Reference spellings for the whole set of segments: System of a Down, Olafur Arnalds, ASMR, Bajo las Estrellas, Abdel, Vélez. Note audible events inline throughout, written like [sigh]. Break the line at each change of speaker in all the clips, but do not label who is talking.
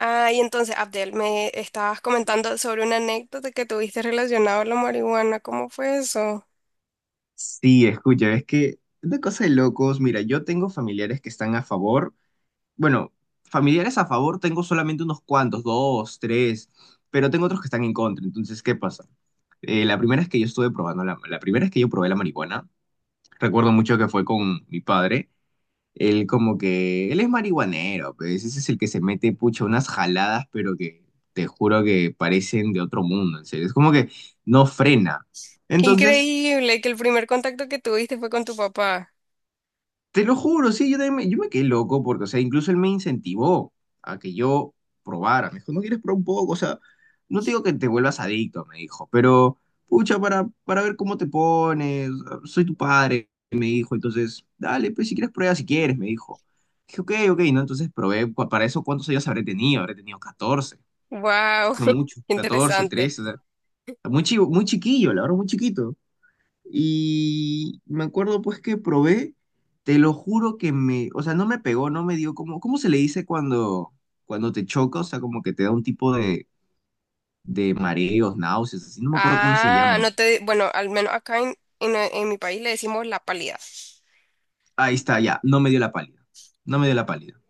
Ah, y entonces, Abdel, me estabas comentando sobre una anécdota que tuviste relacionada a la marihuana. ¿Cómo fue eso?
Sí, escucha, es que es una cosa de locos. Mira, yo tengo familiares que están a favor. Bueno, familiares a favor tengo solamente unos cuantos, dos, tres, pero tengo otros que están en contra. Entonces, ¿qué pasa? La primera es que yo probé la marihuana. Recuerdo mucho que fue con mi padre. Él como que él es marihuanero, pues ese es el que se mete pucha unas jaladas, pero que te juro que parecen de otro mundo, en serio. Es como que no frena.
Qué
Entonces,
increíble que el primer contacto que tuviste fue con tu papá.
te lo juro, sí, yo me quedé loco porque, o sea, incluso él me incentivó a que yo probara. Me dijo, ¿no quieres probar un poco? O sea, no te digo que te vuelvas adicto, me dijo, pero, pucha, para ver cómo te pones, soy tu padre, me dijo, entonces, dale, pues si quieres prueba, si quieres, me dijo. Dije, ok, ok, ¿no? Entonces probé, para eso, ¿cuántos años habré tenido? Habré tenido 14,
Wow,
no
[laughs]
mucho, 14,
interesante.
13. O sea, muy chivo, muy chiquillo, la verdad, muy chiquito. Y me acuerdo pues que probé, te lo juro que me, o sea, no me pegó, no me dio como, ¿cómo se le dice cuando, te choca? O sea, como que te da un tipo de mareos, náuseas, así, no me acuerdo cómo se
Ah,
llama. Ahí
no te, bueno, al menos acá en mi país le decimos la pálida.
está, ya, no me dio la pálida, no me dio la pálida.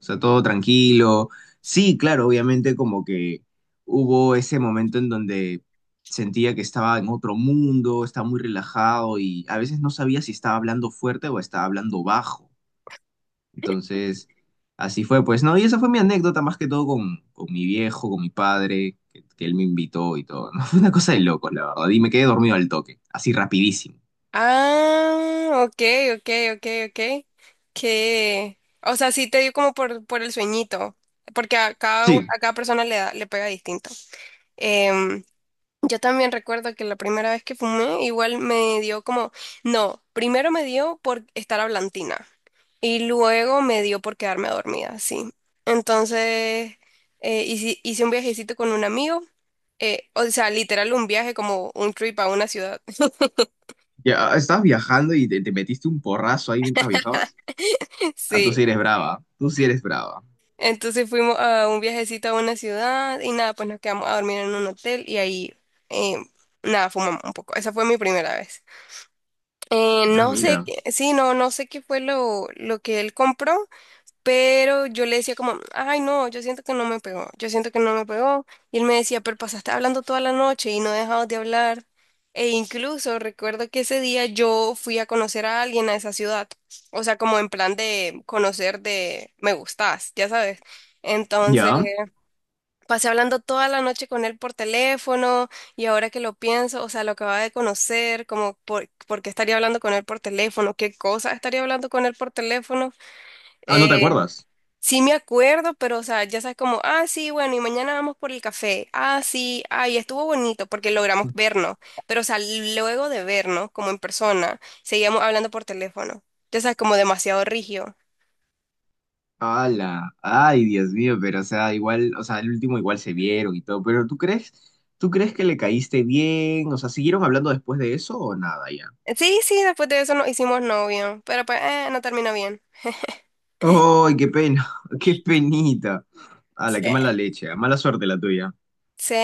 O sea, todo tranquilo. Sí, claro, obviamente como que hubo ese momento en donde sentía que estaba en otro mundo, estaba muy relajado y a veces no sabía si estaba hablando fuerte o estaba hablando bajo. Entonces, así fue, pues, ¿no? Y esa fue mi anécdota más que todo con mi viejo, con mi padre, que él me invitó y todo, ¿no? [laughs] Fue una cosa de locos, la verdad. Y me quedé dormido al toque, así rapidísimo.
Ah, ok, ok, ok, ok. Que, o sea, sí te dio como por el sueñito, porque a cada,
Sí,
a cada persona le da, le pega distinto. Em, Yo también recuerdo que la primera vez que fumé, igual me dio como, no, primero me dio por estar hablantina y luego me dio por quedarme dormida, sí. Entonces, hice un viajecito con un amigo, o sea, literal un viaje como un trip a una ciudad.
ya estabas viajando y te metiste un porrazo ahí mientras viajabas.
[laughs]
Ah, tú
Sí.
sí eres brava, tú sí eres brava.
Entonces fuimos a un viajecito a una ciudad y nada, pues nos quedamos a dormir en un hotel y ahí, eh, nada, fumamos un poco. Esa fue mi primera vez.
Ah,
No sé,
mira.
sí, no, no sé qué fue lo que él compró, pero yo le decía como, ay, no, yo siento que no me pegó, yo siento que no me pegó. Y él me decía, pero pasaste hablando toda la noche y no dejabas de hablar. E incluso recuerdo que ese día yo fui a conocer a alguien a esa ciudad, o sea, como en plan de conocer de me gustas, ya sabes. Entonces,
¿Ya?
pasé hablando toda la noche con él por teléfono y ahora que lo pienso, o sea, lo acababa de conocer, como por qué estaría hablando con él por teléfono, qué cosa estaría hablando con él por teléfono.
Ah, ¿no te
Eh,
acuerdas?
sí me acuerdo, pero o sea, ya sabes como, ah, sí, bueno, y mañana vamos por el café. Ah, sí, ay, estuvo bonito porque logramos vernos, pero o sea, luego de vernos como en persona, seguíamos hablando por teléfono. Ya sabes, como demasiado rígido.
Hala, ay, Dios mío, pero o sea, igual, o sea, el último igual se vieron y todo, pero ¿tú crees que le caíste bien? O sea, ¿siguieron hablando después de eso o nada?
Sí, sí, después de eso nos hicimos novio, pero pues no terminó bien.
¡Ay, qué pena! [laughs] ¡Qué penita! ¡Hala, qué mala
Sí.
leche! ¿Eh? Mala suerte la tuya.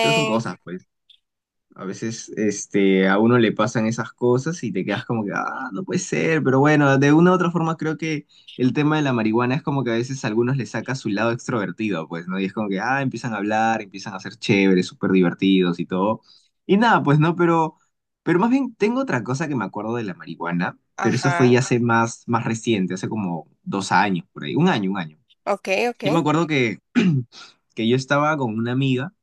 Pero son cosas, pues. A veces este, a uno le pasan esas cosas y te quedas como que, ah, no puede ser. Pero bueno, de una u otra forma creo que el tema de la marihuana es como que a veces a algunos le saca su lado extrovertido, pues, ¿no? Y es como que, ah, empiezan a hablar, empiezan a ser chéveres, súper divertidos y todo. Y nada, pues, ¿no? Pero más bien tengo otra cosa que me acuerdo de la marihuana, pero eso fue
Ajá,
ya hace más, más reciente, hace como 2 años, por ahí. 1 año, 1 año.
ok, ok.
Yo me acuerdo que, [clears throat] que yo estaba con una amiga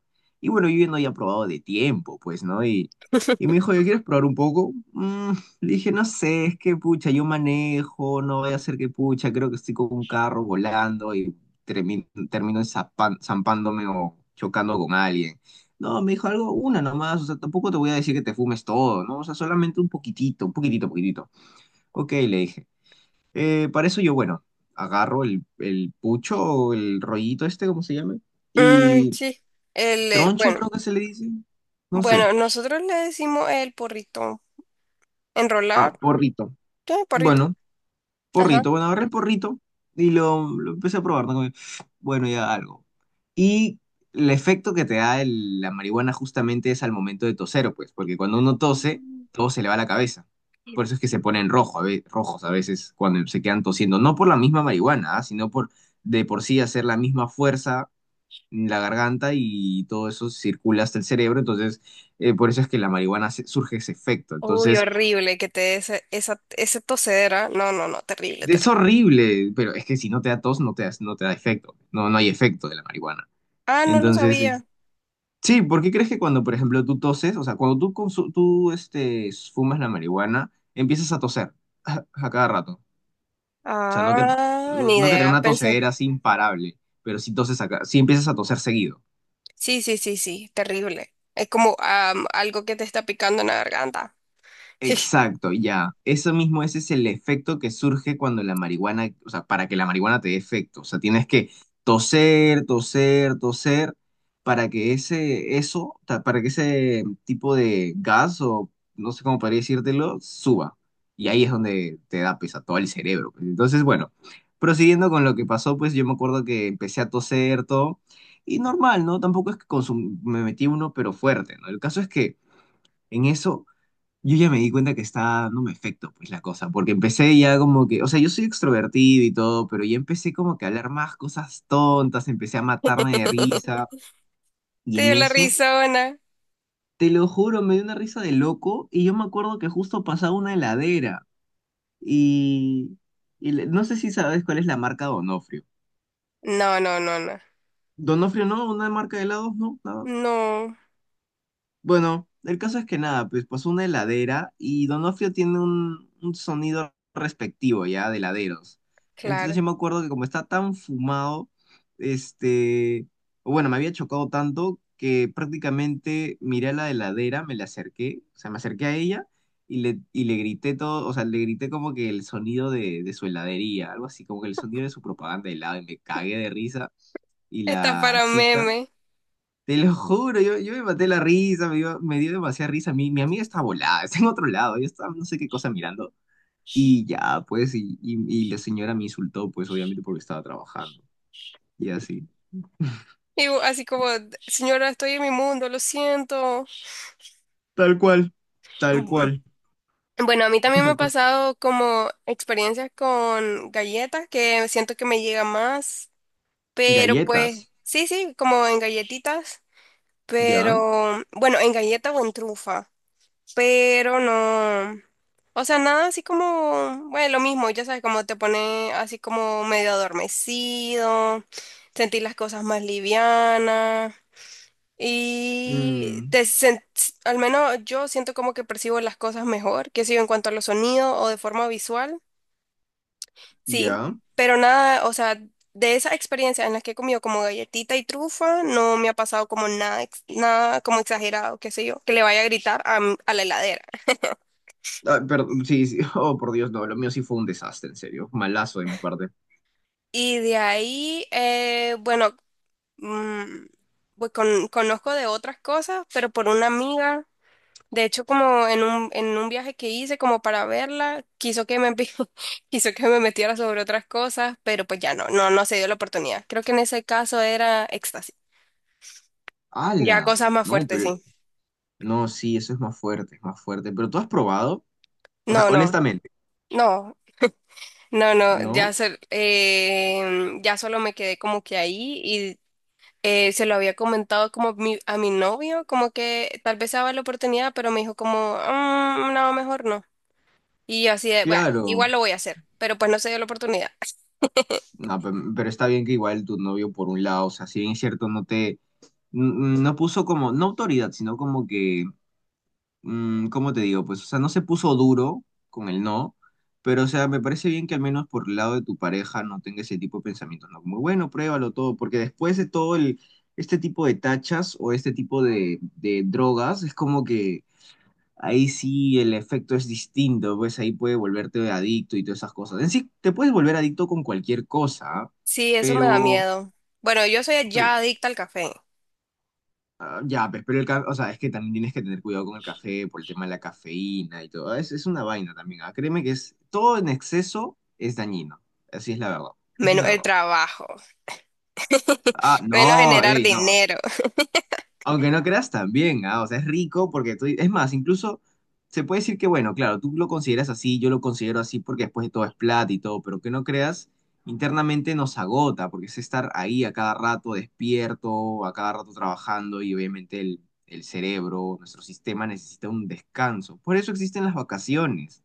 y bueno, yo ya no había probado de tiempo, pues, ¿no? Y me
[laughs]
dijo, ¿yo quieres probar un poco? Mm, le dije, no sé, es que pucha, yo manejo, no voy a hacer que pucha, creo que estoy con un carro volando y termino zampándome o chocando con alguien. No, me dijo algo, una nomás, o sea, tampoco te voy a decir que te fumes todo, ¿no? O sea, solamente un poquitito, poquitito. Ok, le dije. Para eso yo, bueno, agarro el pucho o el rollito este, cómo se llame,
Mm,
y
sí,
troncho
bueno,
creo que se le dice, no sé.
bueno, nosotros le decimos el porrito, enrolar,
Ah, porrito.
sí, porrito,
Bueno,
ajá.
porrito. Bueno, agarré el porrito y lo empecé a probar, ¿no? Como que, bueno, ya algo. Y el efecto que te da el- la marihuana justamente es al momento de toser, pues, porque cuando uno tose, todo se le va a la cabeza. Por eso es que se ponen rojo, rojos a veces cuando se quedan tosiendo, no por la misma marihuana, ah, sino por de por sí hacer la misma fuerza en la garganta y todo eso circula hasta el cerebro, entonces, por eso es que la marihuana surge ese efecto.
Uy,
Entonces,
horrible que te dé esa, esa tosedera, no, no, no, terrible,
es
terrible.
horrible, pero es que si no te da tos, no te da, no te da efecto, no, no hay efecto de la marihuana.
Ah, no lo
Entonces, es-
sabía.
sí, ¿por qué crees que cuando, por ejemplo, tú toses, o sea, cuando tú, tú este, fumas la marihuana, empiezas a toser [laughs] a cada rato? O sea, no que,
Ah,
no,
ni
no que tenga
idea,
una
pensé.
tosedera así imparable, pero sí toses acá, sí empiezas a toser seguido.
Sí, sí, sí, sí, terrible. Es como algo que te está picando en la garganta.
Exacto, ya. Eso mismo, ese es el efecto que surge cuando la marihuana, o sea, para que la marihuana te dé efecto. O sea, tienes que toser, toser, toser, para que ese, eso, para que ese tipo de gas, o no sé cómo podría decírtelo, suba. Y ahí es donde te da pesa todo el cerebro, pues. Entonces, bueno, prosiguiendo con lo que pasó, pues yo me acuerdo que empecé a toser todo. Y normal, ¿no? Tampoco es que me metí uno, pero fuerte, ¿no? El caso es que en eso yo ya me di cuenta que está dándome efecto, pues la cosa, porque empecé ya como que, o sea, yo soy extrovertido y todo, pero ya empecé como que a hablar más cosas tontas, empecé a matarme de
[laughs]
risa, y
Te
en
dio la
eso,
risa. No,
te lo juro, me dio una risa de loco, y yo me acuerdo que justo pasaba una heladera, y, y le- no sé si sabes cuál es la marca Donofrio.
no, no, no.
Donofrio no, una marca de helados, no.
No,
Bueno, el caso es que nada, pues pasó una heladera y Donofrio tiene un sonido respectivo ya de heladeros. Entonces
claro.
yo me acuerdo que como está tan fumado, este, bueno, me había chocado tanto que prácticamente miré a la heladera, me le acerqué, o sea, me acerqué a ella y le grité todo, o sea, le grité como que el sonido de su heladería, algo así, como que el sonido de su propaganda de helado y me cagué de risa y
Está
la
para
chica,
meme.
te lo juro, yo me maté la risa, me dio demasiada risa. Mi amiga está volada, [laughs] está en otro lado, yo estaba no sé qué cosa mirando. Y ya, pues, y la señora me insultó, pues, obviamente porque estaba trabajando. Y así.
Y así como, señora, estoy en mi mundo, lo siento.
Tal cual, tal
Bu-
cual.
Bueno, a mí
[laughs]
también me ha
Una cosa.
pasado como experiencias con galletas que siento que me llega más, pero pues
Galletas,
sí, sí, como en galletitas,
¿ya?
pero bueno, en galleta o en trufa, pero no. O sea, nada así como, bueno, lo mismo, ya sabes, como te pone así como medio adormecido, sentir las cosas más livianas. Y
Mm,
al menos yo siento como que percibo las cosas mejor, que sé yo, en cuanto a los sonidos o de forma visual. Sí,
¿ya?
pero nada, o sea, de esas experiencias en las que he comido como galletita y trufa, no me ha pasado como nada, nada como exagerado, qué sé yo, que le vaya a gritar a, a la heladera.
Ah, perdón, sí, sí. [laughs] Oh, por Dios, no, lo mío sí fue un desastre, en serio. Malazo de mi parte.
Y de ahí, bueno, mm, pues conozco de otras cosas, pero por una amiga. De hecho, como en un viaje que hice como para verla, quiso [laughs] quiso que me metiera sobre otras cosas, pero pues ya no, no, no se dio la oportunidad. Creo que en ese caso era éxtasis. Ya
¡Hala!
cosas más
No,
fuertes,
pero...
sí.
No, sí, eso es más fuerte, es más fuerte. Pero tú has probado, o sea,
No, no,
honestamente,
no, no, no,
¿no?
ya, ya solo me quedé como que ahí y se lo había comentado como a mi novio, como que tal vez se daba la oportunidad, pero me dijo como, "Mm, no, mejor no." Y yo así de, bueno, igual
Claro.
lo voy a hacer, pero pues no se dio la oportunidad.
No, pe- pero está bien que igual tu novio, por un lado, o sea, si bien es cierto, no te, no puso como, no autoridad, sino como que, mm, ¿cómo te digo? Pues, o sea, no se puso duro con el no, pero, o sea, me parece bien que al menos por el lado de tu pareja no tenga ese tipo de pensamientos, ¿no? Como, bueno, pruébalo todo, porque después de todo el, este tipo de tachas o este tipo de drogas, es como que ahí sí el efecto es distinto, pues ahí puede volverte adicto y todas esas cosas. En sí, te puedes volver adicto con cualquier cosa, ¿ah?
Sí, eso me da
pero,
miedo. Bueno, yo soy ya
pero,
adicta al café.
ah, ya, pues, pero el café, o sea, es que también tienes que tener cuidado con el café por el tema de la cafeína y todo. Es una vaina también, ¿ah? Créeme que es, todo en exceso es dañino. Así es la verdad. Esa es
Menos
la
el
verdad.
trabajo,
Ah,
menos
no,
generar
ey, no.
dinero. [laughs]
Aunque no creas también, ah, o sea, es rico porque tú, es más, incluso se puede decir que, bueno, claro, tú lo consideras así, yo lo considero así porque después de todo es plata y todo, pero que no creas, internamente nos agota porque es estar ahí a cada rato despierto, a cada rato trabajando y obviamente el cerebro, nuestro sistema necesita un descanso. Por eso existen las vacaciones.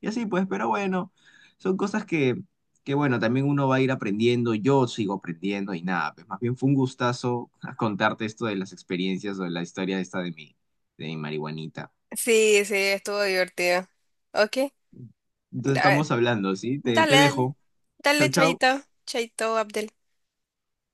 Y así pues, pero bueno, son cosas que bueno, también uno va a ir aprendiendo, yo sigo aprendiendo y nada, pues más bien fue un gustazo [laughs] contarte esto de las experiencias o de la historia esta de mi marihuanita.
Sí, sí, estuvo divertido. Ok,
Entonces
da-
estamos hablando, ¿sí? Te
dale, dale.
dejo.
Dale,
Chau, chau.
Chaito, Chaito, Abdel.